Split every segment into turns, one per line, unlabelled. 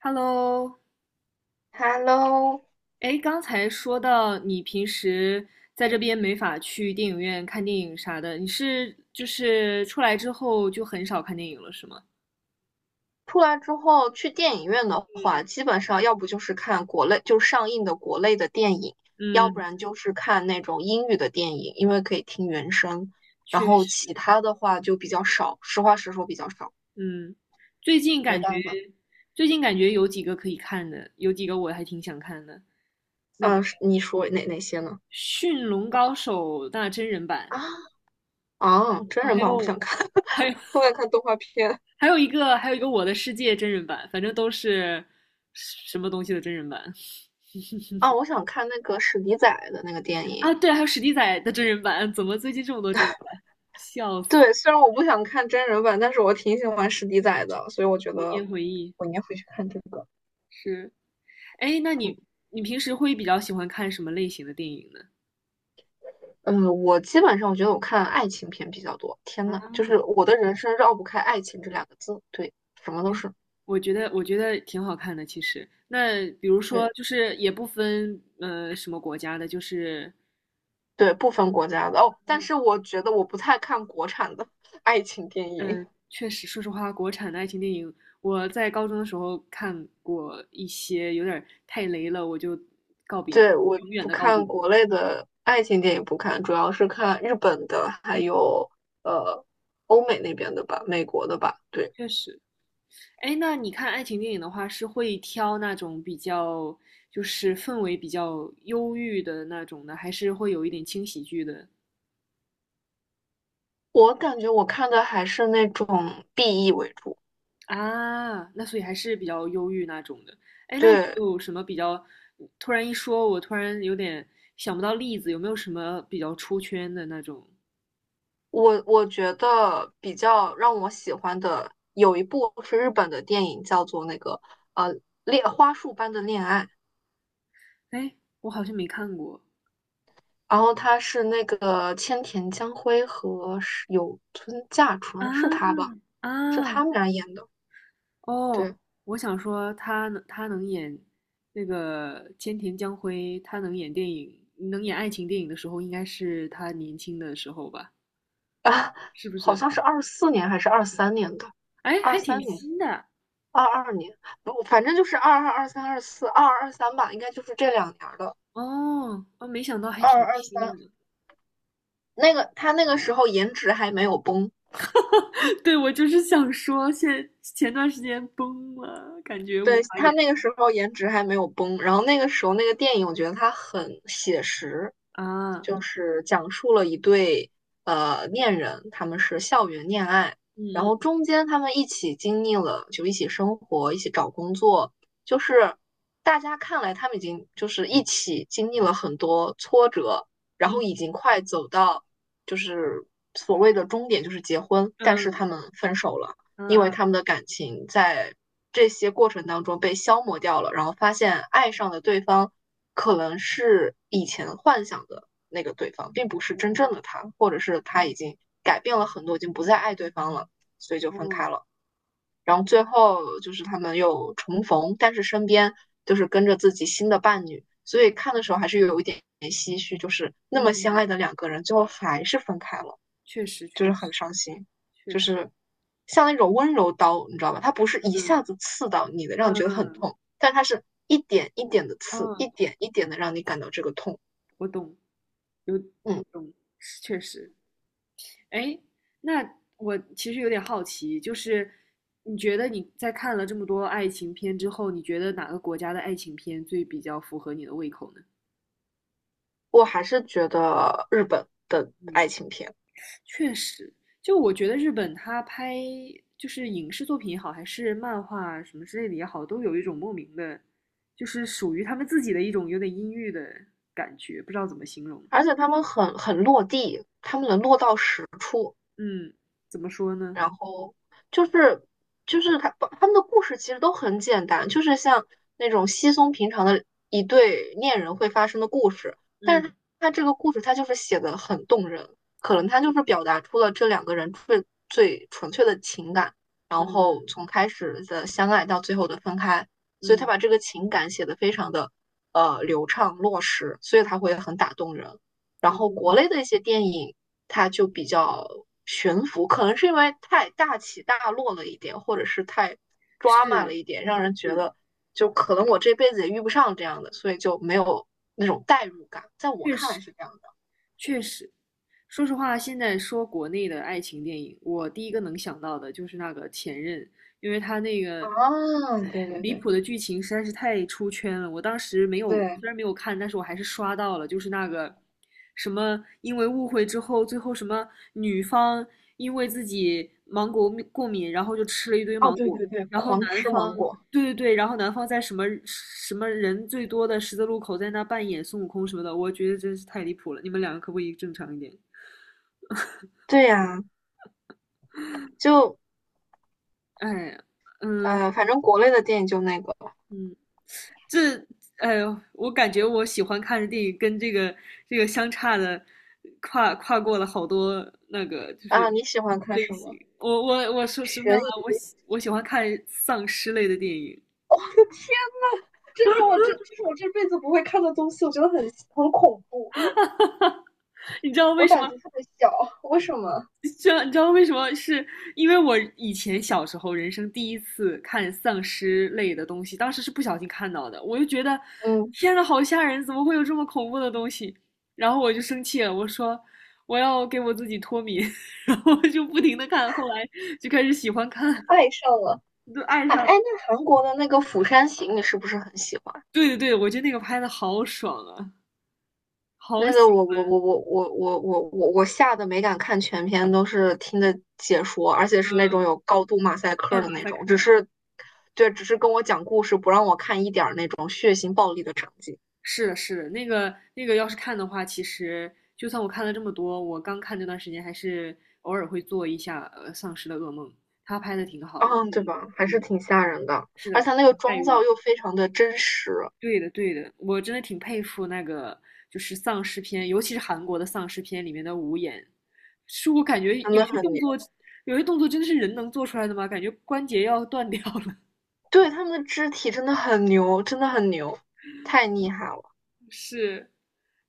Hello，
Hello，
哎，刚才说到你平时在这边没法去电影院看电影啥的，你是出来之后就很少看电影了，是吗？
出来之后去电影院的
嗯，
话，基本上要不就是看国内，就上映的国内的电影，要不
嗯，
然就是看那种英语的电影，因为可以听原声。然
确
后其
实，
他的话就比较少，实话实说比较少，
嗯，最近
没
感觉
办法。
最近感觉有几个可以看的，有几个我还挺想看的，那个
嗯、是你说哪些呢？
《驯龙高手》那真人版，
啊啊，真
哦，
人版我不想看，
还有
我想看动画片。
还有一个《我的世界》真人版，反正都是什么东西的真人版。
啊，我想看那个史迪仔的那个电影。
啊，对，还有史迪仔的真人版，怎么最近这么多真人版？笑死，
对，虽然我不想看真人版，但是我挺喜欢史迪仔的，所以我觉
童
得
年回忆
我应该会去看这个。
是。哎，
嗯。
你平时会比较喜欢看什么类型的电影呢？
嗯，我基本上我觉得我看爱情片比较多。天呐，就是我的人生绕不开爱情这两个字，对，什么
挺，
都是，
我觉得挺好看的，其实。那比如说，
对
就是也不分什么国家的，就是
对，不分国家的哦。但
嗯
是我觉得我不太看国产的 爱情电影，
嗯，确实，说实话，国产的爱情电影，我在高中的时候看过一些，有点儿太雷了，我就告别了，
对，我
永远
不
的告别。
看国内的爱情电影，不看，主要是看日本的，还
嗯，
有呃欧美那边的吧，美国的吧。对，
确实。哎，那你看爱情电影的话，是会挑那种比较就是氛围比较忧郁的那种呢，还是会有一点轻喜剧的
我感觉我看的还是那种 BE 为主，
啊？那所以还是比较忧郁那种的。哎，那有
对。
没有什么比较？突然一说，我突然有点想不到例子，有没有什么比较出圈的那种？
我觉得比较让我喜欢的有一部是日本的电影，叫做那个呃恋花束般的恋爱，
哎，我好像没看过
然后他是那个千田江辉和是有村架
啊
纯是他吧？
啊！
是他们俩演的，
哦，
对
我想说他能演那个千田江辉，他能演电影，能演爱情电影的时候，应该是他年轻的时候吧？
啊，
是不
好
是？
像是24年还是二三年的，
哎，
二
还挺
三年、
新的
22年，不，反正就是二二、二三、二四、二二、二三吧，应该就是这两年儿的，
哦，哦，没想到还
二
挺
二、二
新
三。
的。
那个他那个时候颜值还没有崩，
对，我就是想说，现前段时间崩了，感觉无
对，
法
他
演
那个时候颜值还没有崩，然后那个时候那个电影，我觉得它很写实，
啊。
就是讲述了一对恋人，他们是校园恋爱，然后
嗯
中间他们一起经历了，就一起生活，一起找工作，就是大家看来他们已经就是一起经历了很多挫折，然后已
嗯
经快走到就是所谓的终点，就是结婚，但是他
嗯
们分手了。
嗯
因为
嗯
他们的感情在这些过程当中被消磨掉了，然后发现爱上的对方可能是以前幻想的那个对方，并不是真正
嗯
的他，或者是他
嗯
已经改变了很多，已经不再爱对方了，所以就分
哦
开了。然后最后就是他们又重逢，但是身边就是跟着自己新的伴侣，所以看的时候还是有一点唏嘘，就是那么
嗯，
相爱的
嗯
两个人，最后还是分开了。
确实
就
确
是很
实，
伤心，就是像那种温柔刀，你知道吧？它不是一
嗯
下子刺到你的，让你觉得很
嗯
痛，但它是一点一点的刺，
嗯，
一点一点的让你感到这个痛。
我懂。有
嗯，
我懂，确实。哎，那我其实有点好奇，就是你觉得你在看了这么多爱情片之后，你觉得哪个国家的爱情片最比较符合你的胃口呢？
我还是觉得日本的
嗯，
爱情片，
确实，就我觉得日本它拍就是影视作品也好，还是漫画啊什么之类的也好，都有一种莫名的，就是属于他们自己的一种有点阴郁的感觉，不知道怎么形容。
而且他们很落地，他们能落到实处。
嗯，怎么说呢？
然后就是就是他们的故事其实都很简单，就是像那种稀松平常的一对恋人会发生的故事，但
嗯
是他这个故事他就是写的很动人，可
啊，
能他就是表达出了这两个人最纯粹的情感，然
嗯
后从开始的相爱到最后的分开，所以他
嗯，嗯
把这个情感写的非常的流畅落实，所以他会很打动人。然后国
哦。
内的一些电影，它就比较悬浮，可能是因为太大起大落了一点，或者是太抓马了
是
一点，让人觉
是，
得就可能我这辈子也遇不上这样的，所以就没有那种代入感。在我
确
看
实
来是这样的。
确实。说实话，现在说国内的爱情电影，我第一个能想到的就是那个《前任》，因为他那个
啊，对对
离
对
谱的剧情实在是太出圈了。我当时没有，
对，
虽然没有看，但是我还是刷到了，就是那个什么，因为误会之后，最后什么女方因为自己芒果过敏然后就吃了一堆
哦
芒
对
果，
对对，
然后
狂
男
吃芒
方，
果。
对对对，然后男方在什么什么人最多的十字路口在那扮演孙悟空什么的，我觉得真是太离谱了。你们两个可不可以正常一点？
对呀、就
哎，嗯，
反正国内的电影就那个
这，哎呦，我感觉我喜欢看的电影跟这个相差的跨过了好多那个就
啊，
是
你喜欢看
类
什
型。
么？
我说实不相
悬
瞒，
疑，
我喜欢看丧尸类的电影。
这是我这辈子不会看的东西，我觉得很恐怖。
你知道为
我
什
胆
么
子特别小，为什么？
知道你知道为什么？是因为我以前小时候人生第一次看丧尸类的东西，当时是不小心看到的，我就觉得
嗯，
天呐，好吓人！怎么会有这么恐怖的东西？然后我就生气了，我说我要给我自己脱敏，然后就不停的看，后来就开始喜欢看，
爱上了。
就爱
哎
上
哎，
了
那韩国的那个《釜山行》，你是不是很喜欢？
对对对，我觉得那个拍的好爽啊，好
那个
喜
我吓得没敢看全篇，都是听的解说，而且是那种
欢，
有高度马赛
嗯，
克
嗯
的
马
那
赛克。
种，只是对，只是跟我讲故事，不让我看一点儿那种血腥暴力的场景，
是的，是的，那个，要是看的话，其实就算我看了这么多，我刚看那段时间还是偶尔会做一下《丧尸的噩梦》，他拍的挺好的，
嗯，对吧？还
嗯
是
嗯，
挺吓人的，
是
而
的，
且它那个
代
妆造
入，
又非常的真实，
对的，我真的挺佩服那个就是丧尸片，尤其是韩国的丧尸片里面的武演，是我感觉
真
有
的
些
很
动作，
牛。
有些动作真的是人能做出来的吗？感觉关节要断掉了，
对，他们的肢体真的很牛，真的很牛，太厉害了。
是。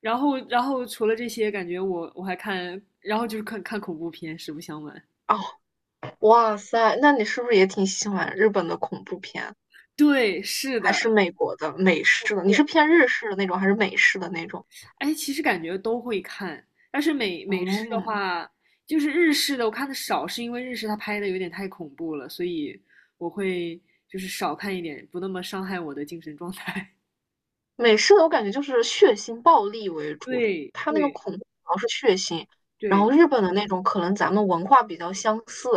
然后除了这些，感觉我我还看，然后就是看看恐怖片，实不相瞒。
哦，哇塞，那你是不是也挺喜欢日本的恐怖片，
对，是
还是
的，
美国的美式的？你是偏日式的那种，还是美式的那种？
哎，其实感觉都会看，但是美式的
嗯，
话，就是日式的我看的少，是因为日式它拍的有点太恐怖了，所以我会就是少看一点，不那么伤害我的精神状态。
美式的我感觉就是血腥暴力为主，
对
它那个
对
恐怖主要是血腥，然后
对
日本的那种可能咱们文化比较相似，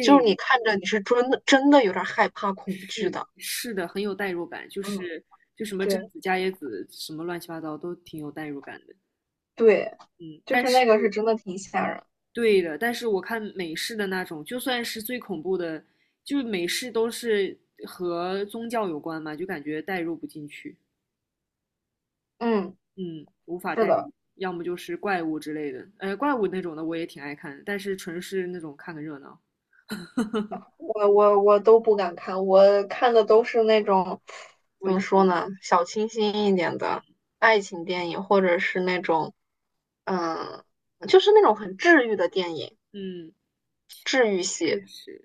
就是你看着你是真的真的有点害怕恐惧
是的
的。
是的，很有代入感，就
嗯，
是就什么贞
对
子、伽椰子，什么乱七八糟都挺有代入感的。
对，
嗯，
就
但
是
是
那个是真的挺吓人。
对的，但是我看美式的那种，就算是最恐怖的，就是美式都是和宗教有关嘛，就感觉代入不进去，
嗯，
嗯，无法
是
代
的。
入，要么就是怪物之类的，怪物那种的我也挺爱看的但是纯是那种看个热闹，
我都不敢看，我看的都是那种
文
怎么
艺
说
一点，
呢，小清新一点的爱情电影，或者是那种嗯，就是那种很治愈的电影，
嗯，
治愈系。
确实。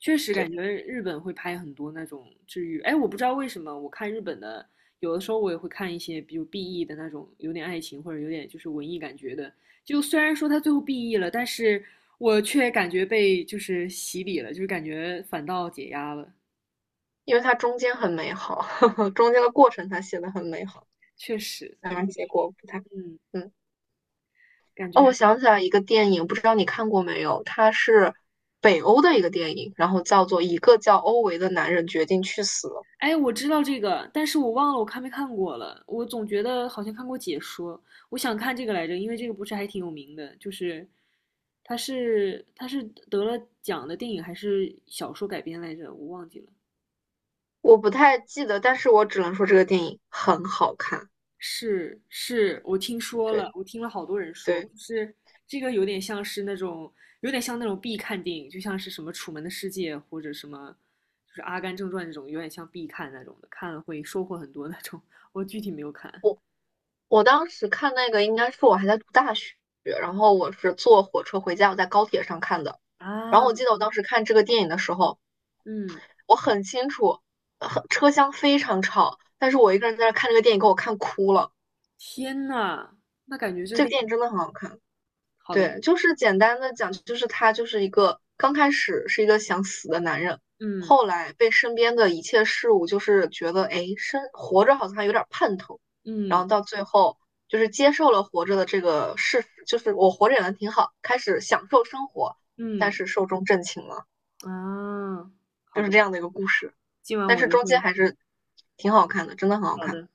确实
对，
感觉日本会拍很多那种治愈。哎，我不知道为什么，我看日本的，有的时候我也会看一些，比如 BE 的那种，有点爱情或者有点就是文艺感觉的。就虽然说他最后 BE 了，但是我却感觉被就是洗礼了，就是感觉反倒解压了。
因为它中间很美好，
嗯
中间的过程它写的很美好，
确实，
当然
确
结
实，
果不太。
嗯，
嗯，
感觉
哦，
还。
我想起来一个电影，不知道你看过没有？它是北欧的一个电影，然后叫做《一个叫欧维的男人决定去死》。
哎，我知道这个，但是我忘了我看没看过了。我总觉得好像看过解说，我想看这个来着，因为这个不是还挺有名的，就是他是得了奖的电影还是小说改编来着，我忘记了。
我不太记得，但是我只能说这个电影很好看。
是是，我听说了，
对
我听了好多人说，
对，
就是这个有点像是那种有点像那种必看电影，就像是什么《楚门的世界》或者什么就是《阿甘正传》这种，有点像必看那种的，看了会收获很多那种。我具体没有看。
我当时看那个应该是我还在读大学，然后我是坐火车回家，我在高铁上看的。然
啊，
后我记得我当时看这个电影的时候，
嗯，
我很清楚，车厢非常吵，但是我一个人在那看这个电影，给我看哭了。
天呐，那感觉这个
这个
电
电影
影
真的很好看。
好的，
对，就是简单的讲，就是他就是一个刚开始是一个想死的男人，
嗯
后来被身边的一切事物就是觉得，哎，生活着好像还有点盼头，然后
嗯
到最后就是接受了活着的这个事实，就是我活着也能挺好，开始享受生活，但
嗯
是寿终正寝了，
啊，
就
好
是
的，
这样的一个故事，
今晚
但
我
是
就
中间
会，
还是挺好看的，真的很好
好
看。
的，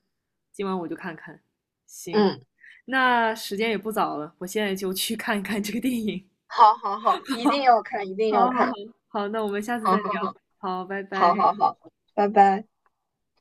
今晚我就看看。行，
嗯，
那时间也不早了，我现在就去看看这个电影。
好好好，一定要看，一 定要
好好好，
看，
好，那我们下次
好
再
好
聊。
好，
好，拜拜。
好好好，拜拜。